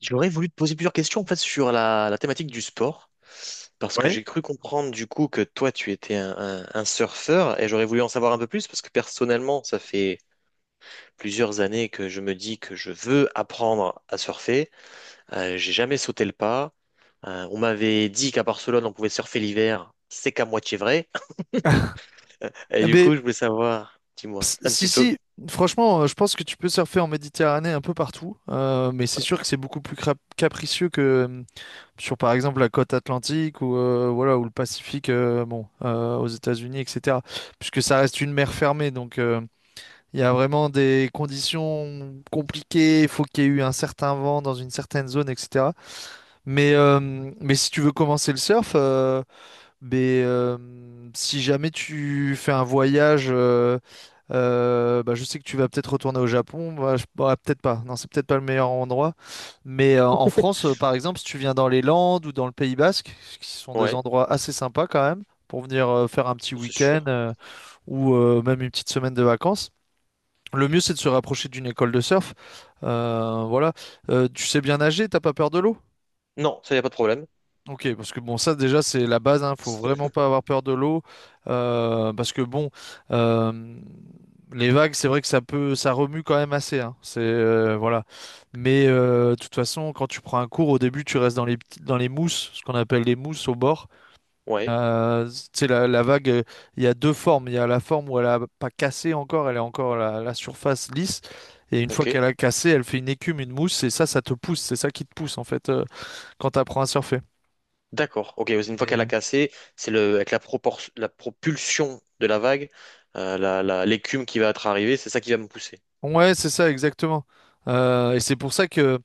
J'aurais voulu te poser plusieurs questions en fait sur la thématique du sport, parce que Oui. j'ai cru comprendre du coup que toi tu étais un surfeur et j'aurais voulu en savoir un peu plus parce que personnellement ça fait plusieurs années que je me dis que je veux apprendre à surfer. J'ai jamais sauté le pas. On m'avait dit qu'à Barcelone on pouvait surfer l'hiver, c'est qu'à moitié vrai. Ah, Et du Mais coup je voulais savoir, dis-moi s- un si, petit peu. si, franchement, je pense que tu peux surfer en Méditerranée un peu partout, mais c'est sûr que c'est beaucoup plus capricieux que sur, par exemple, la côte atlantique ou, voilà, ou le Pacifique, bon, aux États-Unis, etc. Puisque ça reste une mer fermée, donc il y a vraiment des conditions compliquées. Il faut qu'il y ait eu un certain vent dans une certaine zone, etc. Mais, euh, mais si tu veux commencer le surf. Mais si jamais tu fais un voyage, bah, je sais que tu vas peut-être retourner au Japon. Bah, peut-être pas. Non, c'est peut-être pas le meilleur endroit. Mais en France, par exemple, si tu viens dans les Landes ou dans le Pays Basque, qui sont des Ouais, endroits assez sympas quand même, pour venir faire un petit c'est week-end sûr. euh, ou même une petite semaine de vacances, le mieux c'est de se rapprocher d'une école de surf. Voilà. Tu sais bien nager, t'as pas peur de l'eau? Non, ça y a pas de problème. Ok, parce que bon, ça déjà c'est la base, hein, faut vraiment pas avoir peur de l'eau, parce que bon, euh, les vagues, c'est vrai que ça peut, ça remue quand même assez, hein, c'est voilà. Mais de toute façon, quand tu prends un cours, au début, tu restes dans les dans les mousses, ce qu'on appelle les mousses au bord. Ouais, Tu sais, la vague, il y a deux formes. Il y a la forme où elle a pas cassé encore, elle est encore la, la surface lisse, et une fois ok. qu'elle a cassé, elle fait une écume, une mousse, et ça te pousse, c'est ça qui te pousse en fait quand tu apprends à surfer. D'accord. Ok, une fois qu'elle a cassé, c'est le avec la propulsion de la vague, l'écume qui va être arrivée, c'est ça qui va me pousser. Ouais, c'est ça, exactement. Et c'est pour ça que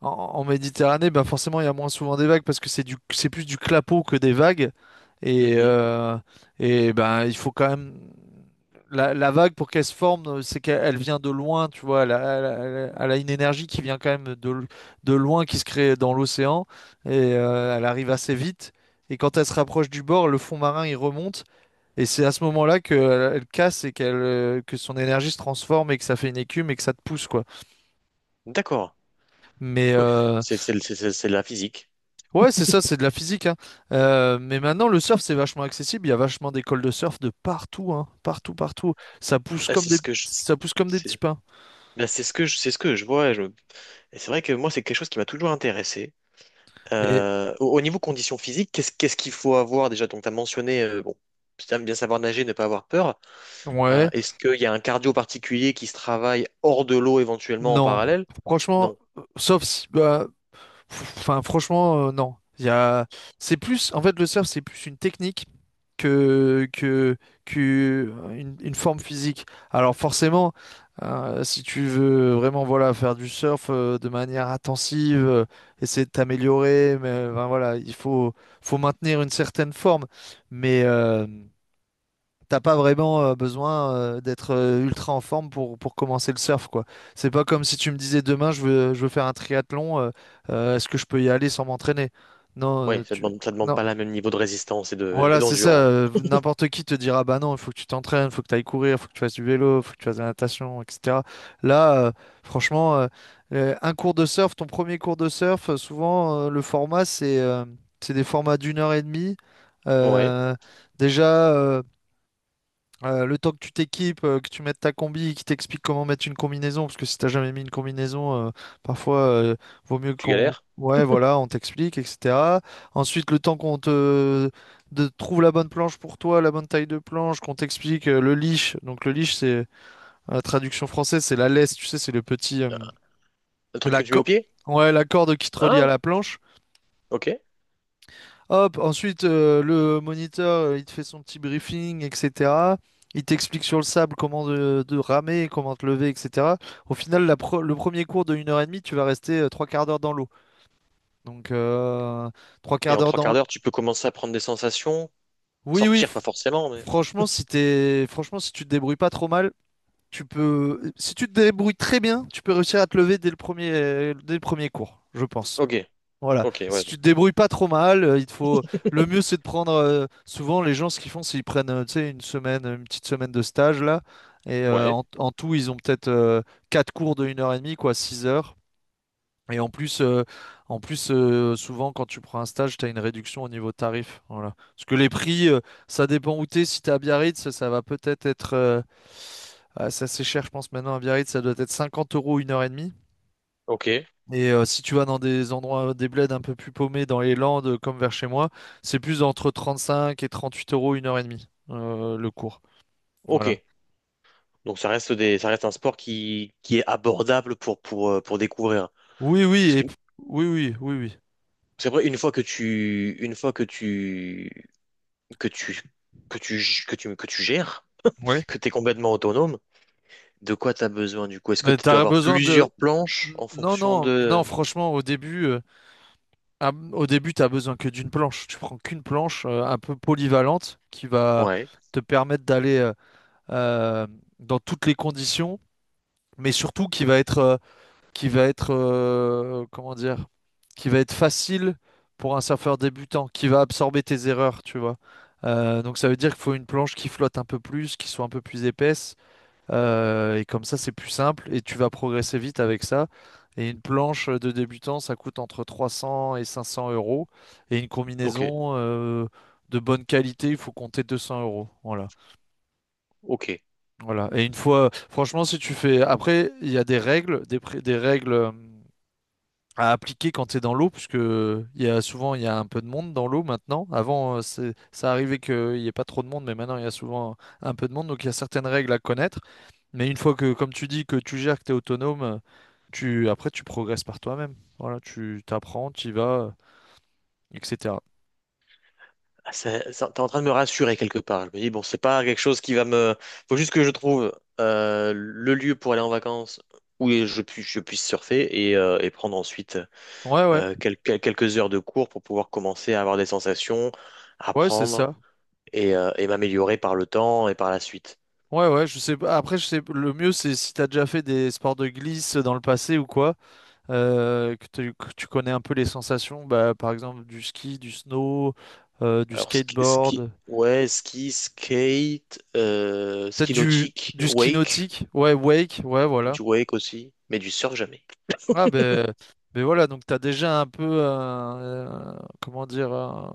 en, en Méditerranée, ben forcément, il y a moins souvent des vagues parce que c'est du, c'est plus du clapot que des vagues. Et, Mhm. euh, et ben, il faut quand même la, la vague pour qu'elle se forme, c'est qu'elle elle vient de loin, tu vois. Elle elle elle elle a une énergie qui vient quand même de, de loin, qui se crée dans l'océan et elle arrive assez vite. Et quand elle se rapproche du bord, le fond marin il remonte. Et c'est à ce moment-là que elle, elle casse et qu'elle que son énergie se transforme et que ça fait une écume et que ça te pousse quoi. D'accord. Mais Oui, euh, c'est la physique. ouais, c'est ça, c'est de la physique hein. Mais maintenant le surf c'est vachement accessible, il y a vachement d'écoles de surf de partout hein, partout partout. Ça pousse Bah, comme c'est des ce que je ça pousse comme des petits c'est pains. bah, c'est ce que je c'est ce que je vois. Et c'est vrai que moi c'est quelque chose qui m'a toujours intéressé. Et Au niveau conditions physiques, qu'est-ce qu'il faut avoir déjà? Donc tu as mentionné bon, c'est bien savoir nager, ne pas avoir peur. Euh, ouais, est-ce qu'il y a un cardio particulier qui se travaille hors de l'eau éventuellement en non. parallèle? Franchement, sauf si bah, pff, enfin franchement non. Il y a c'est plus en fait le surf c'est plus une technique que, que, que une forme physique. Alors forcément, si tu veux vraiment voilà, faire du surf de manière intensive, essayer de t'améliorer, mais ben, voilà, il faut, faut maintenir une certaine forme. Mais t'as pas vraiment besoin d'être ultra en forme pour commencer le surf, quoi. C'est pas comme si tu me disais demain je veux faire un triathlon, est-ce que je peux y aller sans m'entraîner? Non, Ouais, tu... ça demande non, pas le même niveau de résistance et et voilà, c'est ça. d'endurance. N'importe qui te dira, bah non, il faut que tu t'entraînes, il faut que tu ailles courir, il faut que tu fasses du vélo, il faut que tu fasses de la natation, etc. Là, franchement, un cours de surf, ton premier cours de surf, souvent, le format, c'est des formats d'une heure et demie. Ouais, Euh, Déjà, le temps que tu t'équipes, que tu mettes ta combi, qui t'explique comment mettre une combinaison, parce que si t'as jamais mis une combinaison, parfois vaut mieux tu qu'on. galères. Ouais, voilà, on t'explique, etc. Ensuite, le temps qu'on te de trouve la bonne planche pour toi, la bonne taille de planche, qu'on t'explique le leash. Donc le leash, c'est la traduction française, c'est la laisse, tu sais, c'est le petit Un truc la que tu mets co- au pied? ouais, la corde qui te relie à Hein? la planche. Ok. Hop, ensuite, le moniteur, il te fait son petit briefing, etc. Il t'explique sur le sable comment de ramer, comment te lever, etc. Au final, la le premier cours de une heure et demie tu vas rester trois quarts d'heure dans l'eau. Donc, trois Et quarts en d'heure trois dans quarts l'eau. d'heure, tu peux commencer à prendre des sensations. Oui, oui, Sortir, pas forcément, mais. franchement, si t'es... franchement, si tu te débrouilles pas trop mal, tu peux... Si tu te débrouilles très bien, tu peux réussir à te lever dès le premier cours, je pense. Ok, Voilà. ok, Si ouais. tu te débrouilles pas trop mal, il te faut. Le mieux, c'est de prendre. Souvent, les gens, ce qu'ils font, c'est qu'ils prennent, tu sais, une semaine, une petite semaine de stage là. Et Ouais, en, en tout, ils ont peut-être quatre cours de une heure et demie, quoi, 6 heures. Et en plus, souvent, quand tu prends un stage, tu as une réduction au niveau tarif. Voilà. Parce que les prix, ça dépend où t'es. Si t'es à Biarritz, ça va peut-être être. Ah, ça, c'est cher, je pense, maintenant à Biarritz, ça doit être 50 € une heure et demie. ok, Et si tu vas dans des endroits, des bleds un peu plus paumés dans les Landes, comme vers chez moi, c'est plus entre 35 et 38 € une heure et demie, le cours. ok. Voilà. Donc ça reste un sport qui est abordable pour découvrir. Oui, oui, Parce que oui, oui, oui, oui. c'est vrai, une fois que tu, une fois que tu, que tu, que tu, que tu, que tu gères, Oui. que tu es complètement autonome, de quoi t'as besoin du coup? Est-ce que Mais tu dois t'as avoir besoin de. plusieurs planches en Non, fonction non, non, de... franchement, au début, ah, au début, t'as besoin que d'une planche. Tu prends qu'une planche un peu polyvalente qui va Ouais, te permettre d'aller euh, dans toutes les conditions, mais surtout qui va être, comment dire, qui va être facile pour un surfeur débutant, qui va absorber tes erreurs, tu vois. Donc ça veut dire qu'il faut une planche qui flotte un peu plus, qui soit un peu plus épaisse, et comme ça c'est plus simple et tu vas progresser vite avec ça. Et une planche de débutant, ça coûte entre 300 et 500 euros, et une ok, combinaison de bonne qualité, il faut compter 200 euros. Voilà. ok. Voilà. Et une fois, franchement, si tu fais, après, il y a des règles, des, des règles à appliquer quand tu es dans l'eau, puisque il y a souvent il y a un peu de monde dans l'eau maintenant. Avant, c'est- ça arrivait qu'il n'y ait pas trop de monde, mais maintenant il y a souvent un peu de monde, donc il y a certaines règles à connaître. Mais une fois que, comme tu dis, que tu gères, que tu es autonome, tu après tu progresses par toi-même. Voilà, tu t'apprends, tu y vas, etc. Ah, t'es en train de me rassurer quelque part. Je me dis, bon, c'est pas quelque chose qui va me... Faut juste que je trouve le lieu pour aller en vacances où je, puis, je puisse surfer et prendre ensuite Ouais, ouais, quelques heures de cours pour pouvoir commencer à avoir des sensations, ouais, c'est apprendre ça. Et m'améliorer par le temps et par la suite. Ouais, ouais, je sais pas. Après, je sais, le mieux, c'est si t'as déjà fait des sports de glisse dans le passé ou quoi. Que, tu que tu connais un peu les sensations, bah, par exemple du ski, du snow, du Alors, skateboard, ski, skate, peut-être ski nautique, du ski wake. nautique, ouais, wake, ouais, voilà. Du wake aussi, mais du surf jamais. Ah ben, ben voilà, donc tu as déjà un peu, comment dire,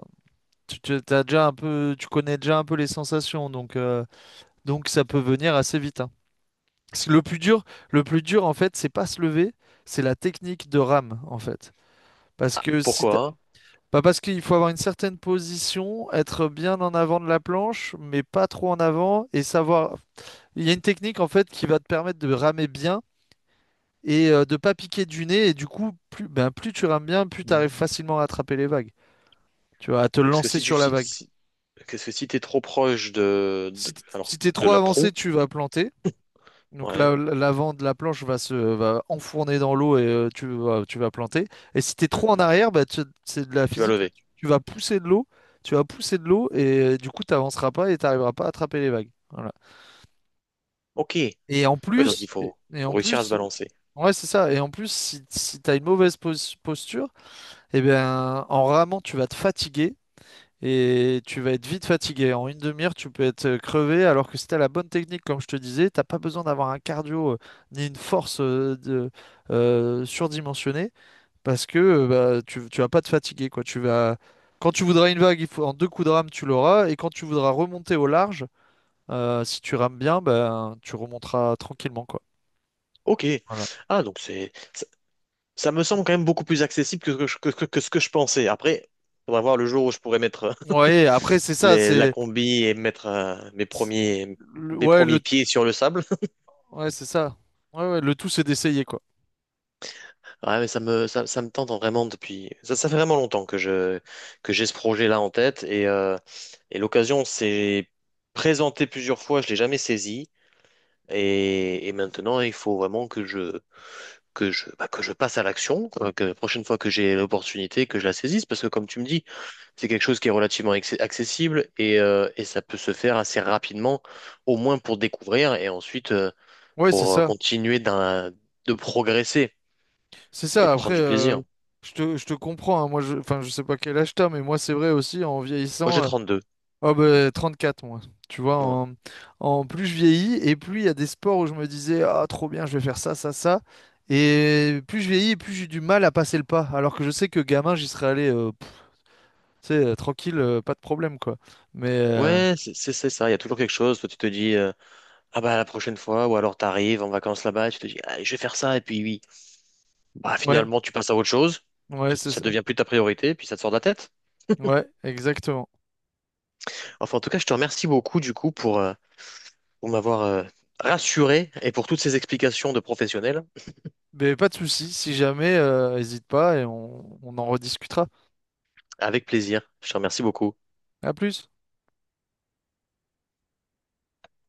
tu, t'as déjà un peu, tu connais déjà un peu les sensations, donc ça peut venir assez vite, hein. Parce que le plus dur, le plus dur en fait, c'est pas se lever, c'est la technique de rame en fait. Parce Ah, que si tu... pourquoi? Bah parce qu'il faut avoir une certaine position, être bien en avant de la planche, mais pas trop en avant, et savoir. Il y a une technique en fait qui va te permettre de ramer bien et de pas piquer du nez, et du coup, plus, ben, plus tu rames bien, plus tu arrives Mhm. facilement à attraper les vagues, tu vois, à te Parce que lancer si tu sur la si, vague. si- parce que si t'es trop proche alors Si t'es de trop la avancé, pro, tu vas planter. Donc ouais, l'avant de la planche va se va enfourner dans l'eau et tu vas planter. Et si tu es trop en mhm, arrière, bah, tu- c'est de la tu vas physique. Hein. lever. Tu vas pousser de l'eau, tu vas pousser de l'eau et du coup tu n'avanceras pas et tu n'arriveras pas à attraper les vagues. Voilà. Ok. Oui, donc il faut, Et faut en réussir à se plus, balancer. ouais, c'est ça. Et en plus, si, si tu as une mauvaise posture, eh bien, en ramant, tu vas te fatiguer et tu vas être vite fatigué. En une demi-heure, tu peux être crevé, alors que si t'as la bonne technique, comme je te disais, t'as pas besoin d'avoir un cardio ni une force de, surdimensionnée, parce que bah, tu vas pas te fatiguer, quoi. Tu vas... Quand tu voudras une vague, il faut... en deux coups de rame, tu l'auras, et quand tu voudras remonter au large, si tu rames bien, ben, tu remonteras tranquillement, quoi. Ok. Voilà. Ah, donc c'est ça, ça me semble quand même beaucoup plus accessible que ce que je pensais. Après, on va voir le jour où je pourrais mettre Ouais, après, c'est ça, les, la c'est... combi et mettre mes le... premiers pieds sur le sable. ouais, c'est ça. Ouais, ouais, le tout, c'est d'essayer, quoi. Ouais, mais ça me tente vraiment depuis. Ça fait vraiment longtemps que je, que j'ai ce projet-là en tête et l'occasion s'est présentée plusieurs fois, je l'ai jamais saisie et maintenant il faut vraiment que je, bah, que je passe à l'action, quoi, que la prochaine fois que j'ai l'opportunité, que je la saisisse parce que comme tu me dis, c'est quelque chose qui est relativement accessible et ça peut se faire assez rapidement, au moins pour découvrir et ensuite Ouais, c'est pour ça. continuer de progresser C'est et ça, de après, prendre du plaisir. Je te comprends, hein, moi, je, enfin, je sais pas quel âge t'as, mais moi, c'est vrai aussi, en Moi j'ai vieillissant, 32. oh, ben, 34 moi, tu vois, Ouais. en, en plus je vieillis, et plus il y a des sports où je me disais, ah, trop bien, je vais faire ça, ça, ça, et plus je vieillis, plus j'ai du mal à passer le pas, alors que je sais que gamin, j'y serais allé, pff, tu sais, tranquille, pas de problème, quoi, mais, Ouais, c'est ça. Il y a toujours quelque chose. Toi, tu te dis, ah bah la prochaine fois, ou alors t'arrives en vacances là-bas, tu te dis, ah, je vais faire ça, et puis oui. Bah, ouais, finalement, tu passes à autre chose. ouais, Tu... c'est Ça ça, devient plus ta priorité, puis ça te sort de la tête. ouais, exactement, Enfin, en tout cas, je te remercie beaucoup du coup pour m'avoir rassuré et pour toutes ces explications de professionnels. mais pas de souci, si jamais, hésite pas, et on en rediscutera, Avec plaisir. Je te remercie beaucoup. à plus.